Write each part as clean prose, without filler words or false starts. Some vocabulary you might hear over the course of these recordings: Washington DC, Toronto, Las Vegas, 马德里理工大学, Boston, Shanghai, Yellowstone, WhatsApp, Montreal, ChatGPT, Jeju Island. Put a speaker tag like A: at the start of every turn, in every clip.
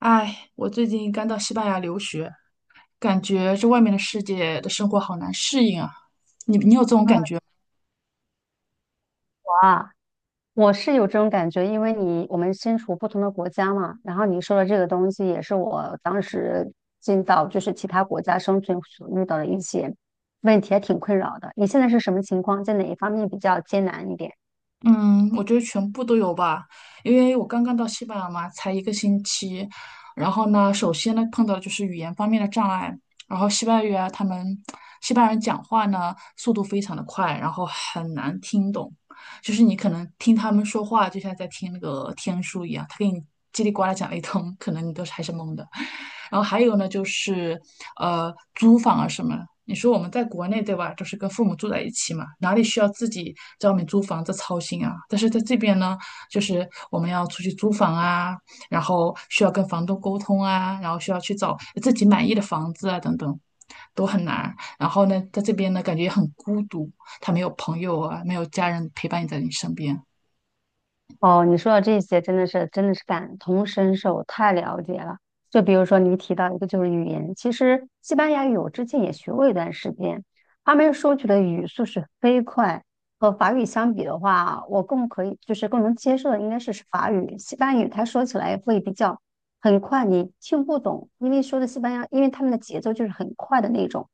A: 哎，我最近刚到西班牙留学，感觉这外面的世界的生活好难适应啊。
B: 我啊，我是有这种感觉，因为你我们身处不同的国家嘛，然后你说的这个东西也是我当时进到就是其他国家生存所遇到的一些问题，还挺困扰的。你现在是什么情况？在哪一方面比较艰难一点？
A: 嗯，我觉得全部都有吧，因为我刚刚到西班牙嘛，才一个星期。然后呢，首先呢碰到的就是语言方面的障碍。然后西班牙语啊，他们西班牙人讲话呢速度非常的快，然后很难听懂，就是你可能听他们说话就像在听那个天书一样，他给你叽里呱啦讲了一通，可能你都是还是懵的。然后还有呢，就是租房啊什么的。你说我们在国内对吧，就是跟父母住在一起嘛，哪里需要自己在外面租房子操心啊？但是在这边呢，就是我们要出去租房啊，然后需要跟房东沟通啊，然后需要去找自己满意的房子啊，等等，都很难。然后呢，在这边呢，感觉也很孤独，他没有朋友啊，没有家人陪伴你在你身边。
B: 哦，你说的这些真的是感同身受，太了解了。就比如说你提到一个就是语言，其实西班牙语我之前也学过一段时间，他们说起的语速是飞快，和法语相比的话，我更可以就是更能接受的应该是法语，西班牙语它说起来会比较很快，你听不懂，因为说的西班牙，因为他们的节奏就是很快的那种。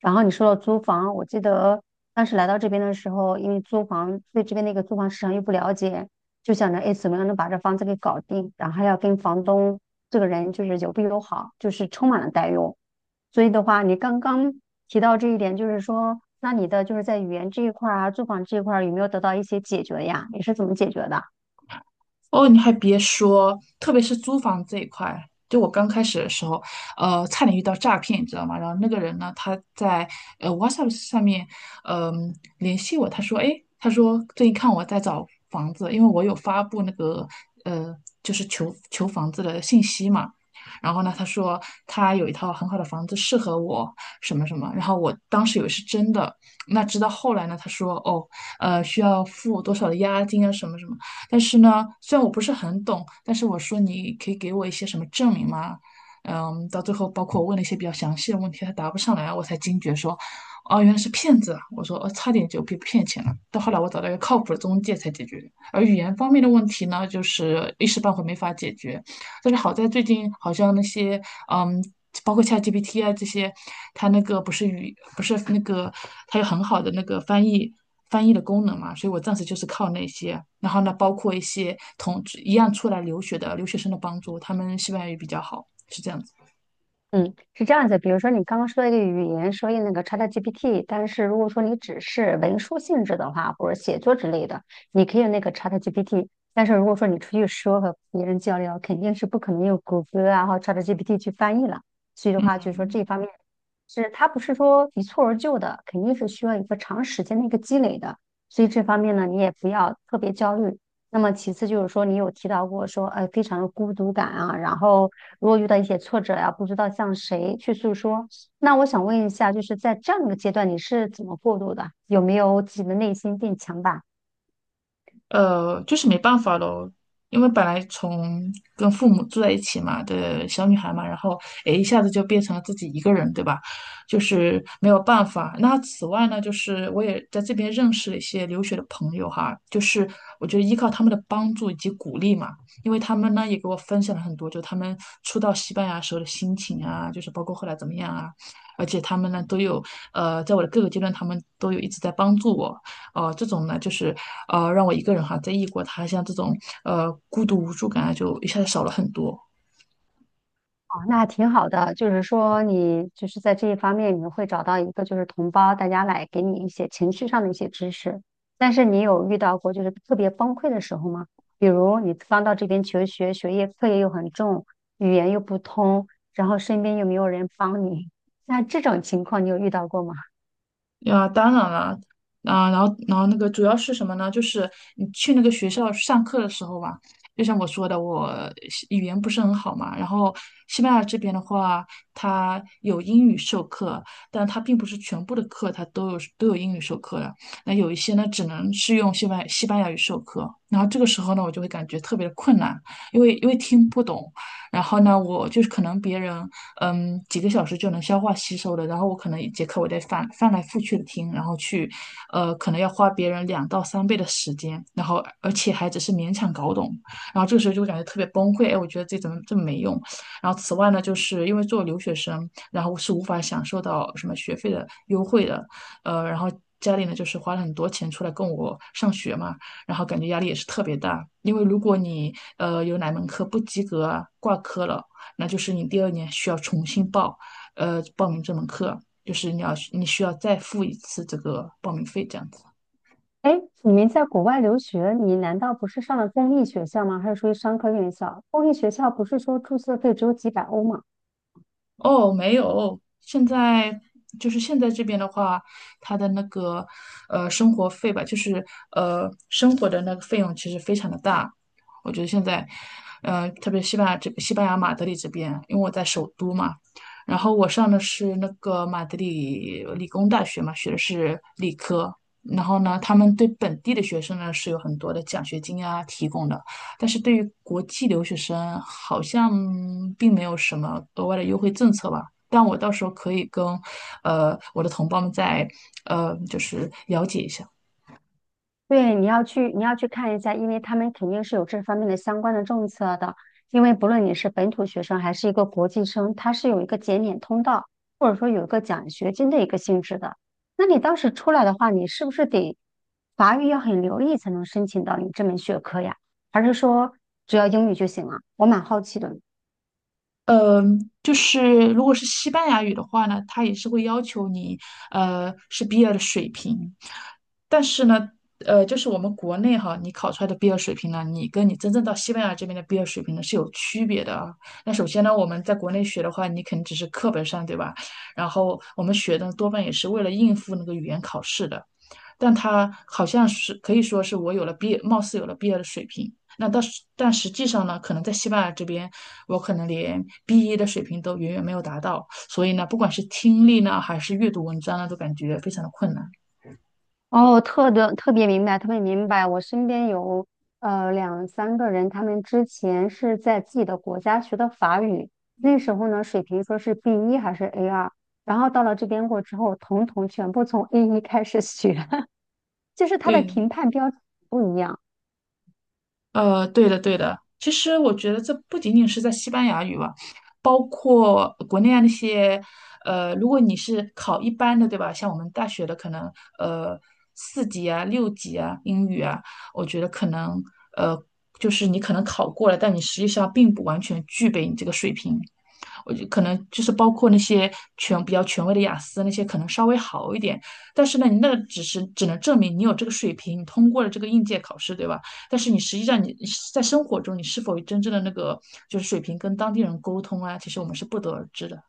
B: 然后你说到租房，我记得当时来到这边的时候，因为租房对这边那个租房市场又不了解。就想着哎，怎么样能把这房子给搞定，然后还要跟房东这个人就是友不友好，就是充满了担忧。所以的话，你刚刚提到这一点，就是说，那你的就是在语言这一块儿啊，住房这一块儿有没有得到一些解决呀？你是怎么解决的？
A: 哦，你还别说，特别是租房这一块，就我刚开始的时候，差点遇到诈骗，你知道吗？然后那个人呢，他在WhatsApp 上面，联系我，他说，哎，他说最近看我在找房子，因为我有发布那个呃，就是求房子的信息嘛。然后呢，他说他有一套很好的房子适合我，什么什么。然后我当时以为是真的，那直到后来呢，他说哦，需要付多少的押金啊，什么什么。但是呢，虽然我不是很懂，但是我说你可以给我一些什么证明吗？嗯，到最后包括我问了一些比较详细的问题，他答不上来，我才惊觉说，哦，原来是骗子啊！我说，哦，差点就被骗钱了。到后来我找到一个靠谱的中介才解决。而语言方面的问题呢，就是一时半会没法解决，但是好在最近好像那些嗯，包括 ChatGPT 啊这些，它那个不是那个它有很好的那个翻译的功能嘛，所以我暂时就是靠那些。然后呢，包括一些一样出来留学的留学生的帮助，他们西班牙语比较好，是这样子。
B: 嗯，是这样子。比如说，你刚刚说的一个语言，说用那个 ChatGPT，但是如果说你只是文书性质的话，或者写作之类的，你可以用那个 ChatGPT。但是如果说你出去说和别人交流，肯定是不可能用谷歌啊或 ChatGPT 去翻译了。所以的话，就是说
A: 嗯。
B: 这一方面是它不是说一蹴而就的，肯定是需要一个长时间的一个积累的。所以这方面呢，你也不要特别焦虑。那么其次就是说，你有提到过说，哎，非常的孤独感啊，然后如果遇到一些挫折呀、不知道向谁去诉说。那我想问一下，就是在这样的一个阶段，你是怎么过渡的？有没有自己的内心变强大？
A: 就是没办法咯，因为本来从跟父母住在一起嘛的小女孩嘛，然后诶一下子就变成了自己一个人，对吧？就是没有办法。那此外呢，就是我也在这边认识了一些留学的朋友哈，就是我觉得依靠他们的帮助以及鼓励嘛，因为他们呢也给我分享了很多，就他们初到西班牙时候的心情啊，就是包括后来怎么样啊，而且他们呢都有在我的各个阶段，他们都有一直在帮助我。这种呢，就是让我一个人哈，在异国他乡这种孤独无助感啊，就一下子少了很多。
B: 哦，那挺好的，就是说你就是在这一方面，你会找到一个就是同胞，大家来给你一些情绪上的一些支持。但是你有遇到过就是特别崩溃的时候吗？比如你刚到这边求学，学业课业又很重，语言又不通，然后身边又没有人帮你，那这种情况你有遇到过吗？
A: 呀，当然了，啊，然后那个主要是什么呢？就是你去那个学校上课的时候吧，就像我说的，我西语言不是很好嘛。然后西班牙这边的话，它有英语授课，但它并不是全部的课它都有英语授课的。那有一些呢，只能是用西班牙语授课。然后这个时候呢，我就会感觉特别的困难，因为听不懂。然后呢，我就是可能别人几个小时就能消化吸收的。然后我可能一节课我得翻来覆去的听，然后去，可能要花别人2到3倍的时间，然后而且还只是勉强搞懂。然后这个时候就会感觉特别崩溃，哎，我觉得自己怎么这么没用。然后此外呢，就是因为做留学生，然后是无法享受到什么学费的优惠的，然后家里呢就是花了很多钱出来供我上学嘛，然后感觉压力也是特别大，因为如果你有哪门课不及格啊，挂科了。那就是你第二年需要重新报，报名这门课，就是你需要再付一次这个报名费这样子。
B: 哎，你们在国外留学，你难道不是上了公立学校吗？还是属于商科院校？公立学校不是说注册费只有几百欧吗？
A: 哦，没有，现在就是现在这边的话，他的那个生活费吧，就是生活的那个费用其实非常的大。我觉得现在，特别西班牙这西班牙马德里这边，因为我在首都嘛，然后我上的是那个马德里理工大学嘛，学的是理科。然后呢，他们对本地的学生呢是有很多的奖学金啊提供的。但是对于国际留学生，好像并没有什么额外的优惠政策吧。但我到时候可以跟，我的同胞们再，就是了解一下。
B: 对，你要去看一下，因为他们肯定是有这方面的相关的政策的。因为不论你是本土学生还是一个国际生，它是有一个减免通道，或者说有一个奖学金的一个性质的。那你当时出来的话，你是不是得法语要很流利才能申请到你这门学科呀？还是说只要英语就行了？我蛮好奇的。
A: 嗯，就是如果是西班牙语的话呢，它也是会要求你，是 B2 的水平。但是呢，就是我们国内哈，你考出来的 B2 水平呢，你跟你真正到西班牙这边的 B2 水平呢是有区别的啊。那首先呢，我们在国内学的话，你肯定只是课本上，对吧？然后我们学的多半也是为了应付那个语言考试的。但它好像是可以说是我有了 B，貌似有了 B2 的水平，那到时但实际上呢，可能在西班牙这边，我可能连 B1 的水平都远远没有达到，所以呢，不管是听力呢，还是阅读文章呢，都感觉非常的困难。
B: 哦，特别明白，特别明白。我身边有两三个人，他们之前是在自己的国家学的法语，那时候呢水平说是 B1还是 A2，然后到了这边过之后，统统全部从 A1开始学，就是他的
A: 对，
B: 评判标准不一样。
A: 对的，对的。其实我觉得这不仅仅是在西班牙语吧，包括国内啊那些，如果你是考一般的，对吧？像我们大学的可能，呃，四级啊、六级啊、英语啊，我觉得可能，呃，就是你可能考过了，但你实际上并不完全具备你这个水平。我就可能就是包括那些比较权威的雅思那些可能稍微好一点，但是呢，你那个只能证明你有这个水平，你通过了这个应届考试，对吧？但是你实际上你在生活中你是否真正的那个就是水平跟当地人沟通啊，其实我们是不得而知的。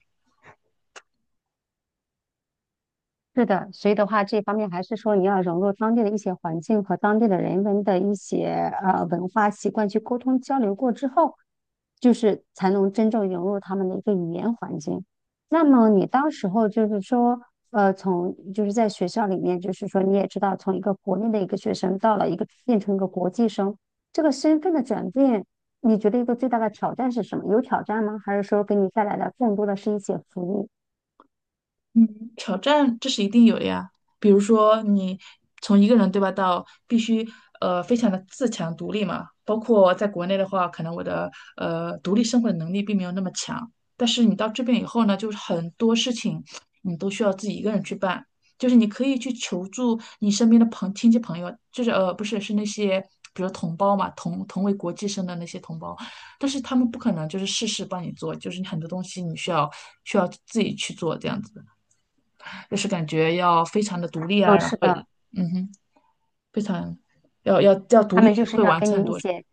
B: 是的，所以的话，这方面还是说你要融入当地的一些环境和当地的人文的一些文化习惯去沟通交流过之后，就是才能真正融入他们的一个语言环境。那么你当时候就是说，从就是在学校里面，就是说你也知道，从一个国内的一个学生到了一个变成一个国际生，这个身份的转变，你觉得一个最大的挑战是什么？有挑战吗？还是说给你带来的更多的是一些福利？
A: 嗯，挑战这是一定有的呀。比如说你从一个人对吧，到必须非常的自强独立嘛。包括在国内的话，可能我的独立生活的能力并没有那么强，但是你到这边以后呢，就是很多事情你都需要自己一个人去办。就是你可以去求助你身边的亲戚朋友，就是不是那些比如同胞嘛，同为国际生的那些同胞，但是他们不可能就是事事帮你做，就是你很多东西你需要自己去做这样子。就是感觉要非常的独立啊，
B: 嗯，
A: 然
B: 是
A: 后
B: 的，
A: 嗯哼，非常要独
B: 他
A: 立
B: 们
A: 学
B: 就是
A: 会
B: 要
A: 完
B: 给
A: 成很
B: 你一
A: 多事。
B: 些。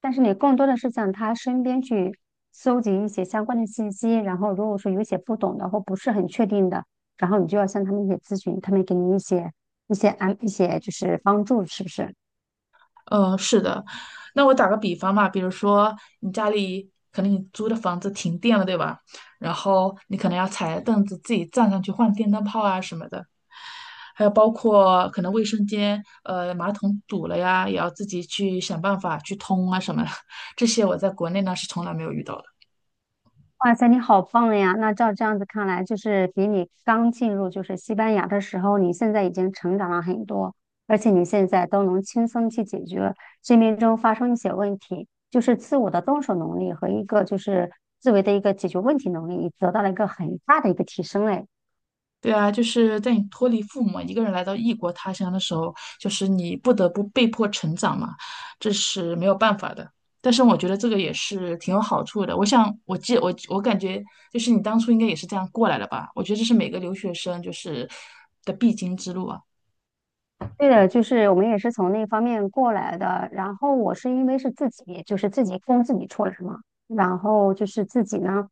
B: 但是你更多的是向他身边去搜集一些相关的信息，然后如果说有一些不懂的或不是很确定的，然后你就要向他们一些咨询，他们给你一些一些安一些就是帮助，是不是？
A: 嗯，是的。那我打个比方嘛，比如说你家里可能你租的房子停电了，对吧？然后你可能要踩着凳子自己站上去换电灯泡啊什么的，还有包括可能卫生间马桶堵了呀，也要自己去想办法去通啊什么的。这些我在国内呢是从来没有遇到的。
B: 哇塞，你好棒呀！那照这样子看来，就是比你刚进入就是西班牙的时候，你现在已经成长了很多，而且你现在都能轻松去解决生命中发生一些问题，就是自我的动手能力和一个就是自为的一个解决问题能力，你得到了一个很大的一个提升嘞。
A: 对啊，就是在你脱离父母一个人来到异国他乡的时候，就是你不得不被迫成长嘛，这是没有办法的。但是我觉得这个也是挺有好处的。我想，我记我我感觉就是你当初应该也是这样过来的吧？我觉得这是每个留学生就是的必经之路啊。
B: 对的，就是我们也是从那方面过来的。然后我是因为是自己，就是自己供自己出来嘛。然后就是自己呢，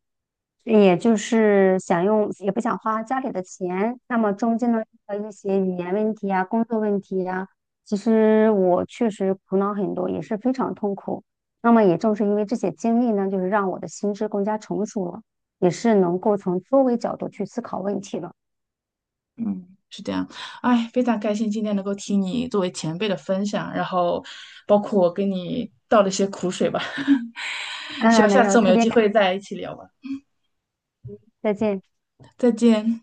B: 也就是想用，也不想花家里的钱。那么中间呢，的一些语言问题啊、工作问题啊，其实我确实苦恼很多，也是非常痛苦。那么也正是因为这些经历呢，就是让我的心智更加成熟了，也是能够从多维角度去思考问题了。
A: 嗯，是这样。哎，非常开心今天能够听你作为前辈的分享，然后包括我跟你倒了一些苦水吧。希
B: 嗯，
A: 望
B: 没
A: 下
B: 有，
A: 次我们
B: 特
A: 有
B: 别
A: 机
B: 感
A: 会再一起聊吧。
B: 谢，再见。
A: 再见。